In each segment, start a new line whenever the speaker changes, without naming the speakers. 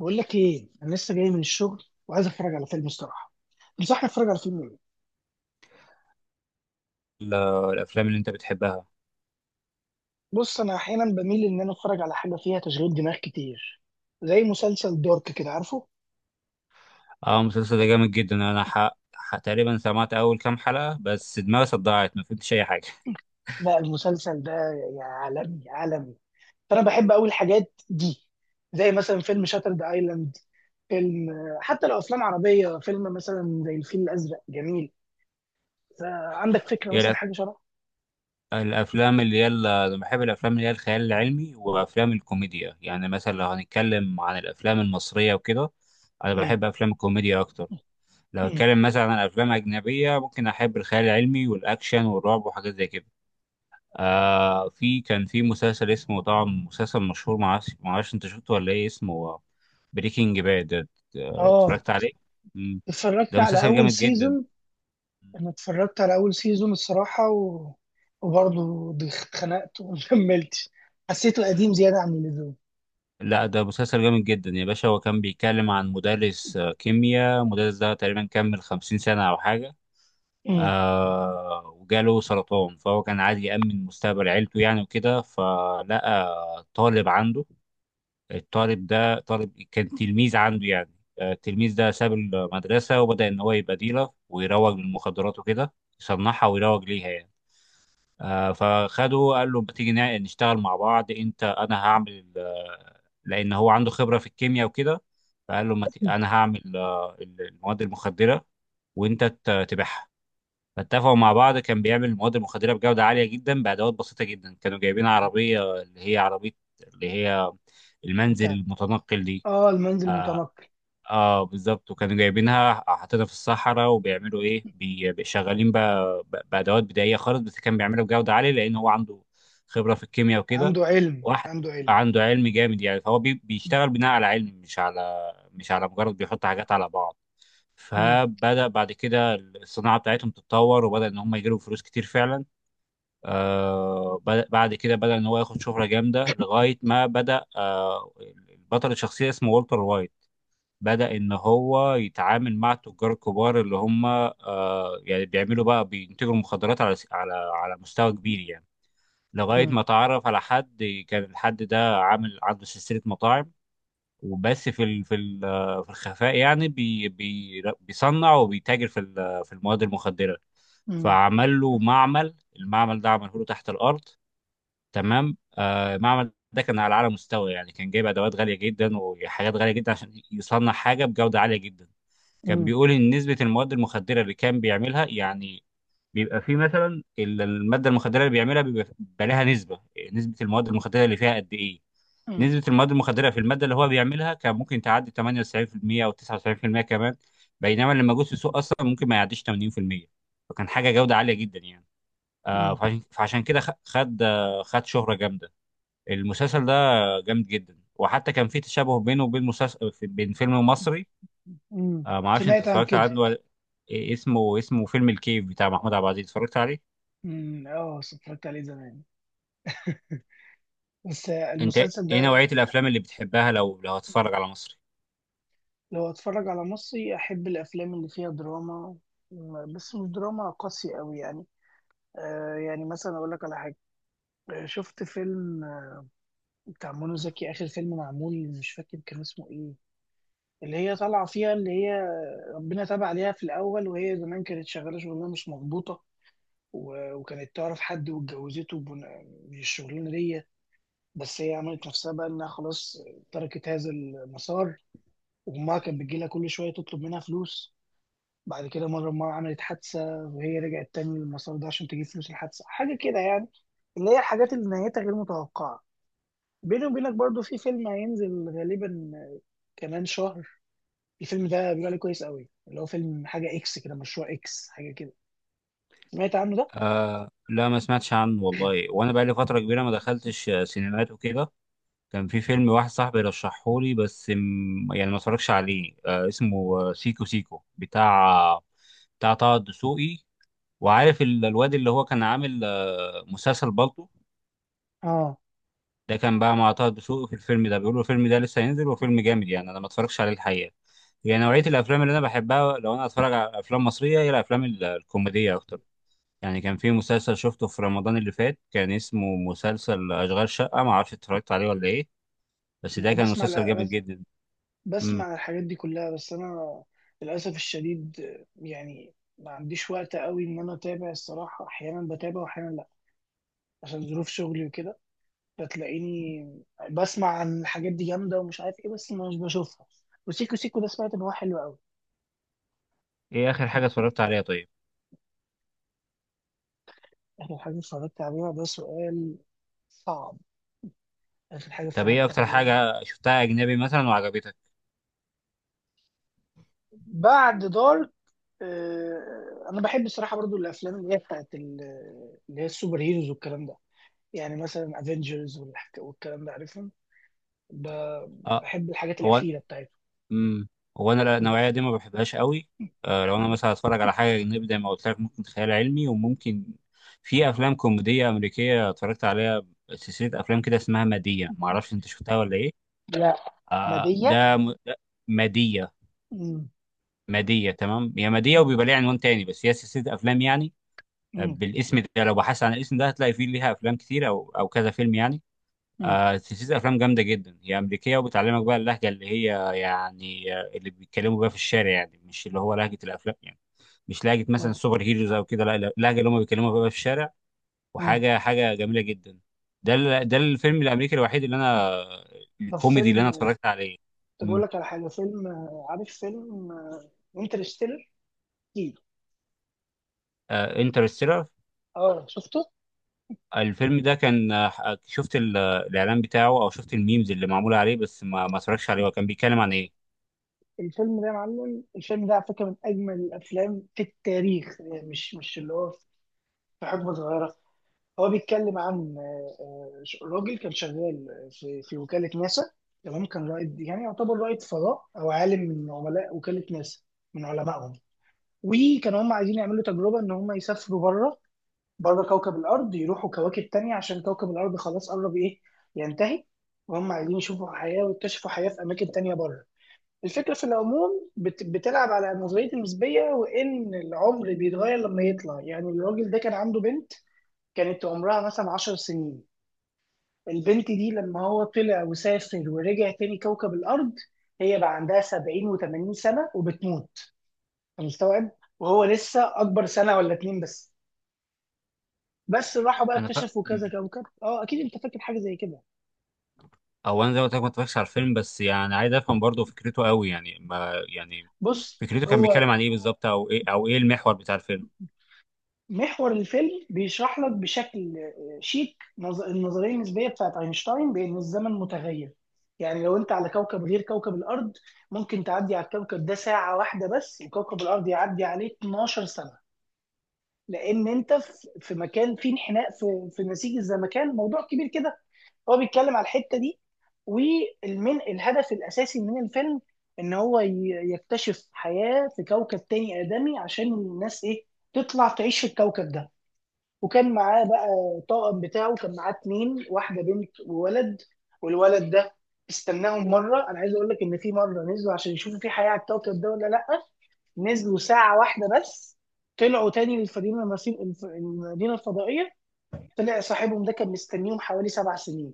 بقول لك ايه، انا لسه جاي من الشغل وعايز اتفرج على فيلم الصراحه. تنصحني اتفرج على فيلم ايه؟
ال- الافلام اللي انت بتحبها.
بص، انا احيانا بميل ان انا اتفرج على حاجه فيها تشغيل دماغ كتير، زي مسلسل دارك، كده عارفه.
اه، المسلسل ده جامد جدا. انا تقريبا سمعت اول كام حلقه بس دماغي صدعت ما فهمتش اي حاجه.
لا، المسلسل ده يا عالمي عالمي. فانا بحب قوي الحاجات دي، زي مثلا فيلم شاترد ايلاند، فيلم، حتى لو افلام عربيه، فيلم مثلا زي الفيل الازرق جميل. ف- عندك فكره
هي
مثلا
الأف...
حاجه شبه.
الافلام اللي هي انا بحب الافلام اللي هي الخيال العلمي وافلام الكوميديا، يعني مثلا لو هنتكلم عن الافلام المصريه وكده انا
امم.
بحب افلام الكوميديا اكتر. لو
امم.
هتكلم مثلا عن افلام اجنبيه ممكن احب الخيال العلمي والاكشن والرعب وحاجات زي كده. آه في كان في مسلسل اسمه، طبعا مسلسل مشهور، معرفش انت شفته ولا ايه، اسمه بريكنج باد،
اه،
اتفرجت عليه؟ مم.
اتفرجت
ده
على
مسلسل
اول
جامد جدا.
سيزون. انا اتفرجت على اول سيزون الصراحه وبرضه اتخنقت وما كملتش. حسيته قديم زياده عن اللزوم.
لا ده مسلسل جامد جدا يا باشا. هو كان بيتكلم عن مدرس كيمياء، المدرس ده تقريبا كمل 50 سنة أو حاجة.
امم.
آه، وجاله سرطان فهو كان عايز يأمن مستقبل عيلته يعني وكده، فلقى طالب عنده، الطالب ده طالب كان تلميذ عنده يعني. التلميذ ده ساب المدرسة وبدأ إن هو يبقى ديلر ويروج للمخدرات وكده، يصنعها ويروج ليها يعني. فخده قال له ما تيجي نشتغل مع بعض، أنت أنا هعمل لأن هو عنده خبرة في الكيمياء وكده، فقال له ما ت- أنا هعمل المواد المخدرة وأنت تبيعها. فاتفقوا مع بعض، كان بيعمل المواد المخدرة بجودة عالية جدا بأدوات بسيطة جدا. كانوا جايبين عربية، اللي هي عربية اللي هي
انت،
المنزل المتنقل دي.
اه المنزل متنقل.
اه بالظبط، وكانوا جايبينها حاطينها في الصحراء وبيعملوا ايه، شغالين بقى بادوات بدائيه خالص، بس كان بيعملها بجوده عاليه لان هو عنده خبره في الكيمياء وكده.
عنده علم،
واحد
عنده علم.
عنده علم جامد يعني، فهو بيشتغل بناء على علم، مش على مش على مجرد بيحط حاجات على بعض.
امم.
فبدا بعد كده الصناعه بتاعتهم تتطور وبدا ان هم يجيبوا فلوس كتير فعلا. آه، بدأ بعد كده، بدا ان هو ياخد شهره جامده لغايه ما بدا. آه، البطل، الشخصيه اسمه والتر وايت، بدأ إن هو يتعامل مع التجار الكبار، اللي هم آه، يعني بيعملوا بقى، بينتجوا المخدرات على على على مستوى كبير يعني. لغاية
امم.
ما تعرف على حد، كان الحد ده عامل عنده سلسلة مطاعم وبس، في ال في ال آه، في الخفاء يعني بي بي بيصنع وبيتاجر في في المواد المخدرة.
امم.
فعمل له معمل، المعمل ده عمله له تحت الأرض تمام. آه، المعمل ده كان على أعلى مستوى يعني، كان جايب أدوات غالية جدا وحاجات غالية جدا عشان يصنع حاجة بجودة عالية جدا. كان
امم.
بيقول ان نسبه المواد المخدره اللي كان بيعملها يعني، بيبقى في مثلا الماده المخدره اللي بيعملها بيبقى لها نسبه، نسبه المواد المخدره اللي فيها قد ايه.
امم.
نسبة المواد المخدرة في المادة اللي هو بيعملها كان ممكن تعدي 98% أو 99% كمان، بينما اللي موجود في السوق أصلا ممكن ما يعديش 80%. فكان حاجة جودة عالية جدا يعني. آه،
امم.
فعشان كده خد آه، خد شهرة جامدة. المسلسل ده جامد جدا، وحتى كان في تشابه بينه وبين مسلسل، بين فيلم مصري.
امم.
آه، ما اعرفش انت
سمعت عن
اتفرجت
كده.
عنه. إيه اسمه؟ اسمه فيلم الكيف بتاع محمود عبد العزيز، اتفرجت عليه؟
امم، اه اتفرجت عليه زمان، بس
انت
المسلسل
ايه
ده.
نوعية الافلام اللي بتحبها، لو لو هتتفرج على مصري؟
لو اتفرج على مصري، احب الافلام اللي فيها دراما، بس مش دراما قاسية قوي يعني. آه يعني مثلا اقول لك على حاجة. شفت فيلم بتاع منى زكي، اخر فيلم معمول، مش فاكر كان اسمه ايه. اللي هي طالعه فيها، اللي هي ربنا تاب عليها في الاول، وهي زمان كانت شغاله شغلانه مش مظبوطه. وكانت تعرف حد واتجوزته من الشغلانه دي. بس هي عملت نفسها بقى انها خلاص، تركت هذا المسار. وامها كانت بتجيلها كل شويه تطلب منها فلوس. بعد كده مره امها عملت حادثه، وهي رجعت تاني للمسار ده عشان تجيب فلوس الحادثه، حاجه كده يعني. اللي هي الحاجات اللي نهايتها غير متوقعه. بيني وبينك برضو في فيلم هينزل غالبا كمان شهر. الفيلم ده بيقول عليه كويس قوي، اللي هو فيلم حاجة اكس كده، مشروع اكس حاجة كده. سمعت عنه ده؟
آه لا، ما سمعتش عنه والله، وانا بقالي فترة كبيرة ما دخلتش آه، سينمات وكده. كان في فيلم واحد صاحبي رشحه لي بس يعني ما اتفرجش عليه، آه اسمه آه، سيكو سيكو بتاع بتاع طه الدسوقي. وعارف الواد اللي هو كان عامل آه، مسلسل بالطو،
اه.
ده كان بقى مع طه دسوقي في الفيلم ده، بيقولوا الفيلم ده لسه هينزل وفيلم جامد يعني، انا ما اتفرجش عليه الحقيقه. يعني نوعيه الافلام اللي انا بحبها لو انا اتفرج على افلام مصريه هي الافلام الكوميديه اكتر. يعني كان في مسلسل شفته في رمضان اللي فات، كان اسمه مسلسل اشغال شقه، ما اعرفش اتفرجت عليه ولا ايه، بس ده كان
بسمع،
مسلسل جامد
بس،
جدا. امم.
بسمع الحاجات دي كلها، بس انا للاسف الشديد. يعني ما عنديش وقت قوي ان انا اتابع، الصراحة احيانا بتابع واحيانا لا، عشان ظروف شغلي وكده. فتلاقيني بسمع عن الحاجات دي جامدة ومش عارف ايه، بس مش بشوفها. وسيكو سيكو ده سمعت ان هو حلو قوي.
ايه اخر حاجه اتفرجت عليها طيب؟
آخر حاجة اتفرجت عليها، ده سؤال صعب. آخر حاجة
طب ايه
اتفرجت
اكتر
عليها.
حاجه شفتها اجنبي مثلا وعجبتك؟
بعد دارك، آه، أنا بحب الصراحة برضو الأفلام اللي هي بتاعت اللي هي السوبر هيروز والكلام ده. يعني مثلا افنجرز والكلام ده، عارفهم.
اه.
بحب الحاجات
هو.
الأخيرة بتاعته.
امم. هو انا النوعيه دي ما بحبهاش قوي. آه، لو انا مثلا هتفرج على حاجه اجنبي زي ما قلت لك ممكن خيال علمي وممكن، في افلام كوميديه امريكيه اتفرجت عليها، سلسله افلام كده اسمها ماديه، ما اعرفش انت شفتها ولا ايه.
لا.
آه
مادية.
ده ده ماديه.
مم.
ماديه تمام، هي ماديه
مم.
وبيبقى ليها عنوان تاني بس هي سلسله افلام يعني. آه،
مم.
بالاسم ده لو بحثت عن الاسم ده هتلاقي فيه ليها افلام كتير او او كذا فيلم يعني.
مم.
آه، سلسلة أفلام جامدة جدا، هي أمريكية وبتعلمك بقى اللهجة اللي هي يعني آه، اللي بيتكلموا بيها في الشارع يعني، مش اللي هو لهجة الأفلام يعني، مش لهجة مثلا
آه.
سوبر هيروز أو كده، لا لا، اللهجة اللي هم بيتكلموا بيها في الشارع.
آه.
وحاجة حاجة جميلة جدا. ده ده الفيلم الأمريكي الوحيد اللي أنا،
طب
الكوميدي اللي أنا
فيلم.
اتفرجت عليه.
طب أقول لك على حاجة، فيلم آه، عارف فيلم انترستيلر؟
انترستيلر.
اه، شفته؟
الفيلم ده كان آه، شفت الإعلان بتاعه أو شفت الميمز اللي معمولة عليه بس ما اتفرجتش عليه، هو كان بيتكلم عن إيه؟
الفيلم ده يا معلم، الفيلم ده على فكره من اجمل الافلام في التاريخ يعني، مش اللي هو في حقبه صغيره. هو بيتكلم عن راجل كان شغال في وكاله ناسا. تمام، كان رائد، يعني يعتبر رائد فضاء او عالم من عملاء وكاله ناسا، من علمائهم. وكانوا هم عايزين يعملوا تجربه ان هم يسافروا بره، بره كوكب الارض، يروحوا كواكب تانية عشان كوكب الارض خلاص قرب ايه ينتهي. وهم عايزين يشوفوا حياه ويكتشفوا حياه في اماكن تانية بره. الفكرة في العموم بتلعب على النظرية النسبية، وإن العمر بيتغير لما يطلع، يعني الراجل ده كان عنده بنت كانت عمرها مثلا 10 سنين. البنت دي لما هو طلع وسافر ورجع تاني كوكب الأرض، هي بقى عندها 70 و80 سنة وبتموت. أنا مستوعب، وهو لسه أكبر سنة ولا 2 بس. بس راحوا بقى
أنا فا...
اكتشفوا كذا كوكب، اه اكيد انت فاكر حاجه زي كده.
او انا زي ما قلت لك ما اتفرجتش على الفيلم، بس يعني عايز افهم برضه فكرته قوي يعني ما يعني،
بص،
فكرته كان
هو
بيتكلم عن ايه بالظبط، او ايه او ايه المحور بتاع الفيلم؟
محور الفيلم بيشرح لك بشكل آه، شيك النظريه النسبيه بتاعت اينشتاين، بان الزمن متغير. يعني لو انت على كوكب غير كوكب الارض، ممكن تعدي على الكوكب ده ساعه واحده بس، وكوكب الارض يعدي عليه 12 سنه. لان انت في مكان فيه انحناء في نسيج الزمكان، موضوع كبير كده. هو بيتكلم على الحته دي. والمن الهدف الاساسي من الفيلم ان هو يكتشف حياه في كوكب تاني ادمي، عشان الناس ايه، تطلع تعيش في الكوكب ده. وكان معاه بقى الطاقم بتاعه، كان معاه اتنين، واحده بنت وولد. والولد ده استناهم مره. انا عايز اقول لك ان في مره نزلوا عشان يشوفوا في حياه على الكوكب ده ولا لا. نزلوا ساعه واحده بس، طلعوا تاني للمدينه المدينه الفضائيه. طلع صاحبهم ده كان مستنيهم حوالي 7 سنين.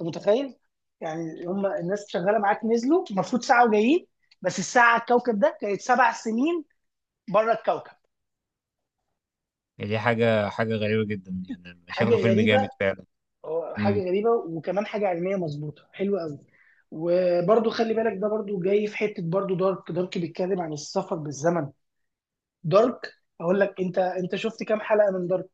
انت متخيل؟ يعني هم الناس شغاله معاك نزلوا المفروض ساعه وجايين، بس الساعه على الكوكب ده كانت 7 سنين، بره الكوكب.
يعني دي حاجه حاجه غريبه جدا، يعني
حاجه
شكله فيلم
غريبه،
جامد فعلا.
هو
امم.
حاجه غريبه وكمان حاجه علميه مظبوطه، حلوه قوي. وبرضو خلي بالك ده برضو جاي في حته برضو، دارك، دارك بيتكلم عن السفر بالزمن. دارك. اقول لك انت، انت شفت كام حلقه من دارك؟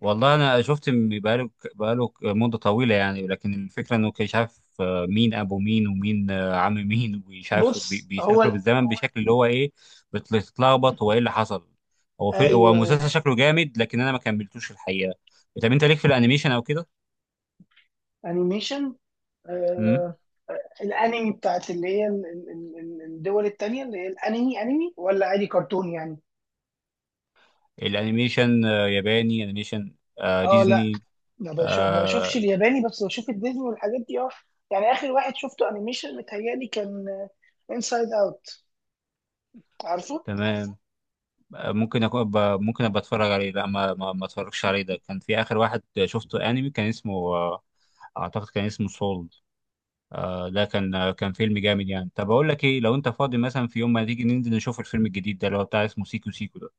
والله انا شفت مده طويله يعني، لكن الفكره انه كان مش عارف آه، مين ابو مين، ومين آه، عم مين، ومش عارف
بص هو
بيسافروا بالزمن بشكل اللي هو ايه، بتتلخبط هو ايه اللي حصل. هو في، هو
ايوه.
مسلسل شكله جامد لكن انا ما كملتوش الحقيقه. طب انت ليك في الانيميشن او كده؟
انيميشن، آه. الانمي بتاعت اللي هي الدول التانية، اللي هي الانمي، انمي ولا عادي كرتون يعني؟
الانيميشن آه، ياباني، انيميشن آه،
اه لا،
ديزني.
ما بشوفش
آه،
الياباني، بس بشوف الديزني والحاجات دي اه. يعني اخر واحد شفته انيميشن متهيألي كان انسايد اوت، عارفه.
تمام. آه، ممكن ابقى اتفرج عليه، لا ما اتفرجش عليه. ده كان في اخر واحد شفته انمي كان اسمه آه، اعتقد كان اسمه سولد. آه ده كان آه، كان فيلم جامد يعني. طب اقول لك ايه، لو انت فاضي مثلا في يوم ما تيجي ننزل نشوف الفيلم الجديد ده اللي هو بتاع اسمه سيكو سيكو ده.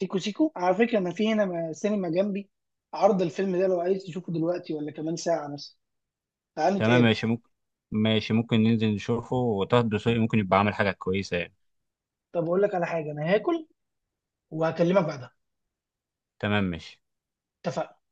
سيكو سيكو على فكرة، أنا في هنا سينما جنبي عرض الفيلم ده، لو عايز تشوفه دلوقتي ولا كمان ساعة مثلا، تعال
تمام
نتقابل.
ماشي ممكن، ماشي ممكن ننزل نشوفه، وطه الدسوقي ممكن يبقى عامل حاجة كويسة يعني.
طب أقول لك على حاجة، أنا هاكل وهكلمك بعدها.
تمام ماشي.
اتفقنا.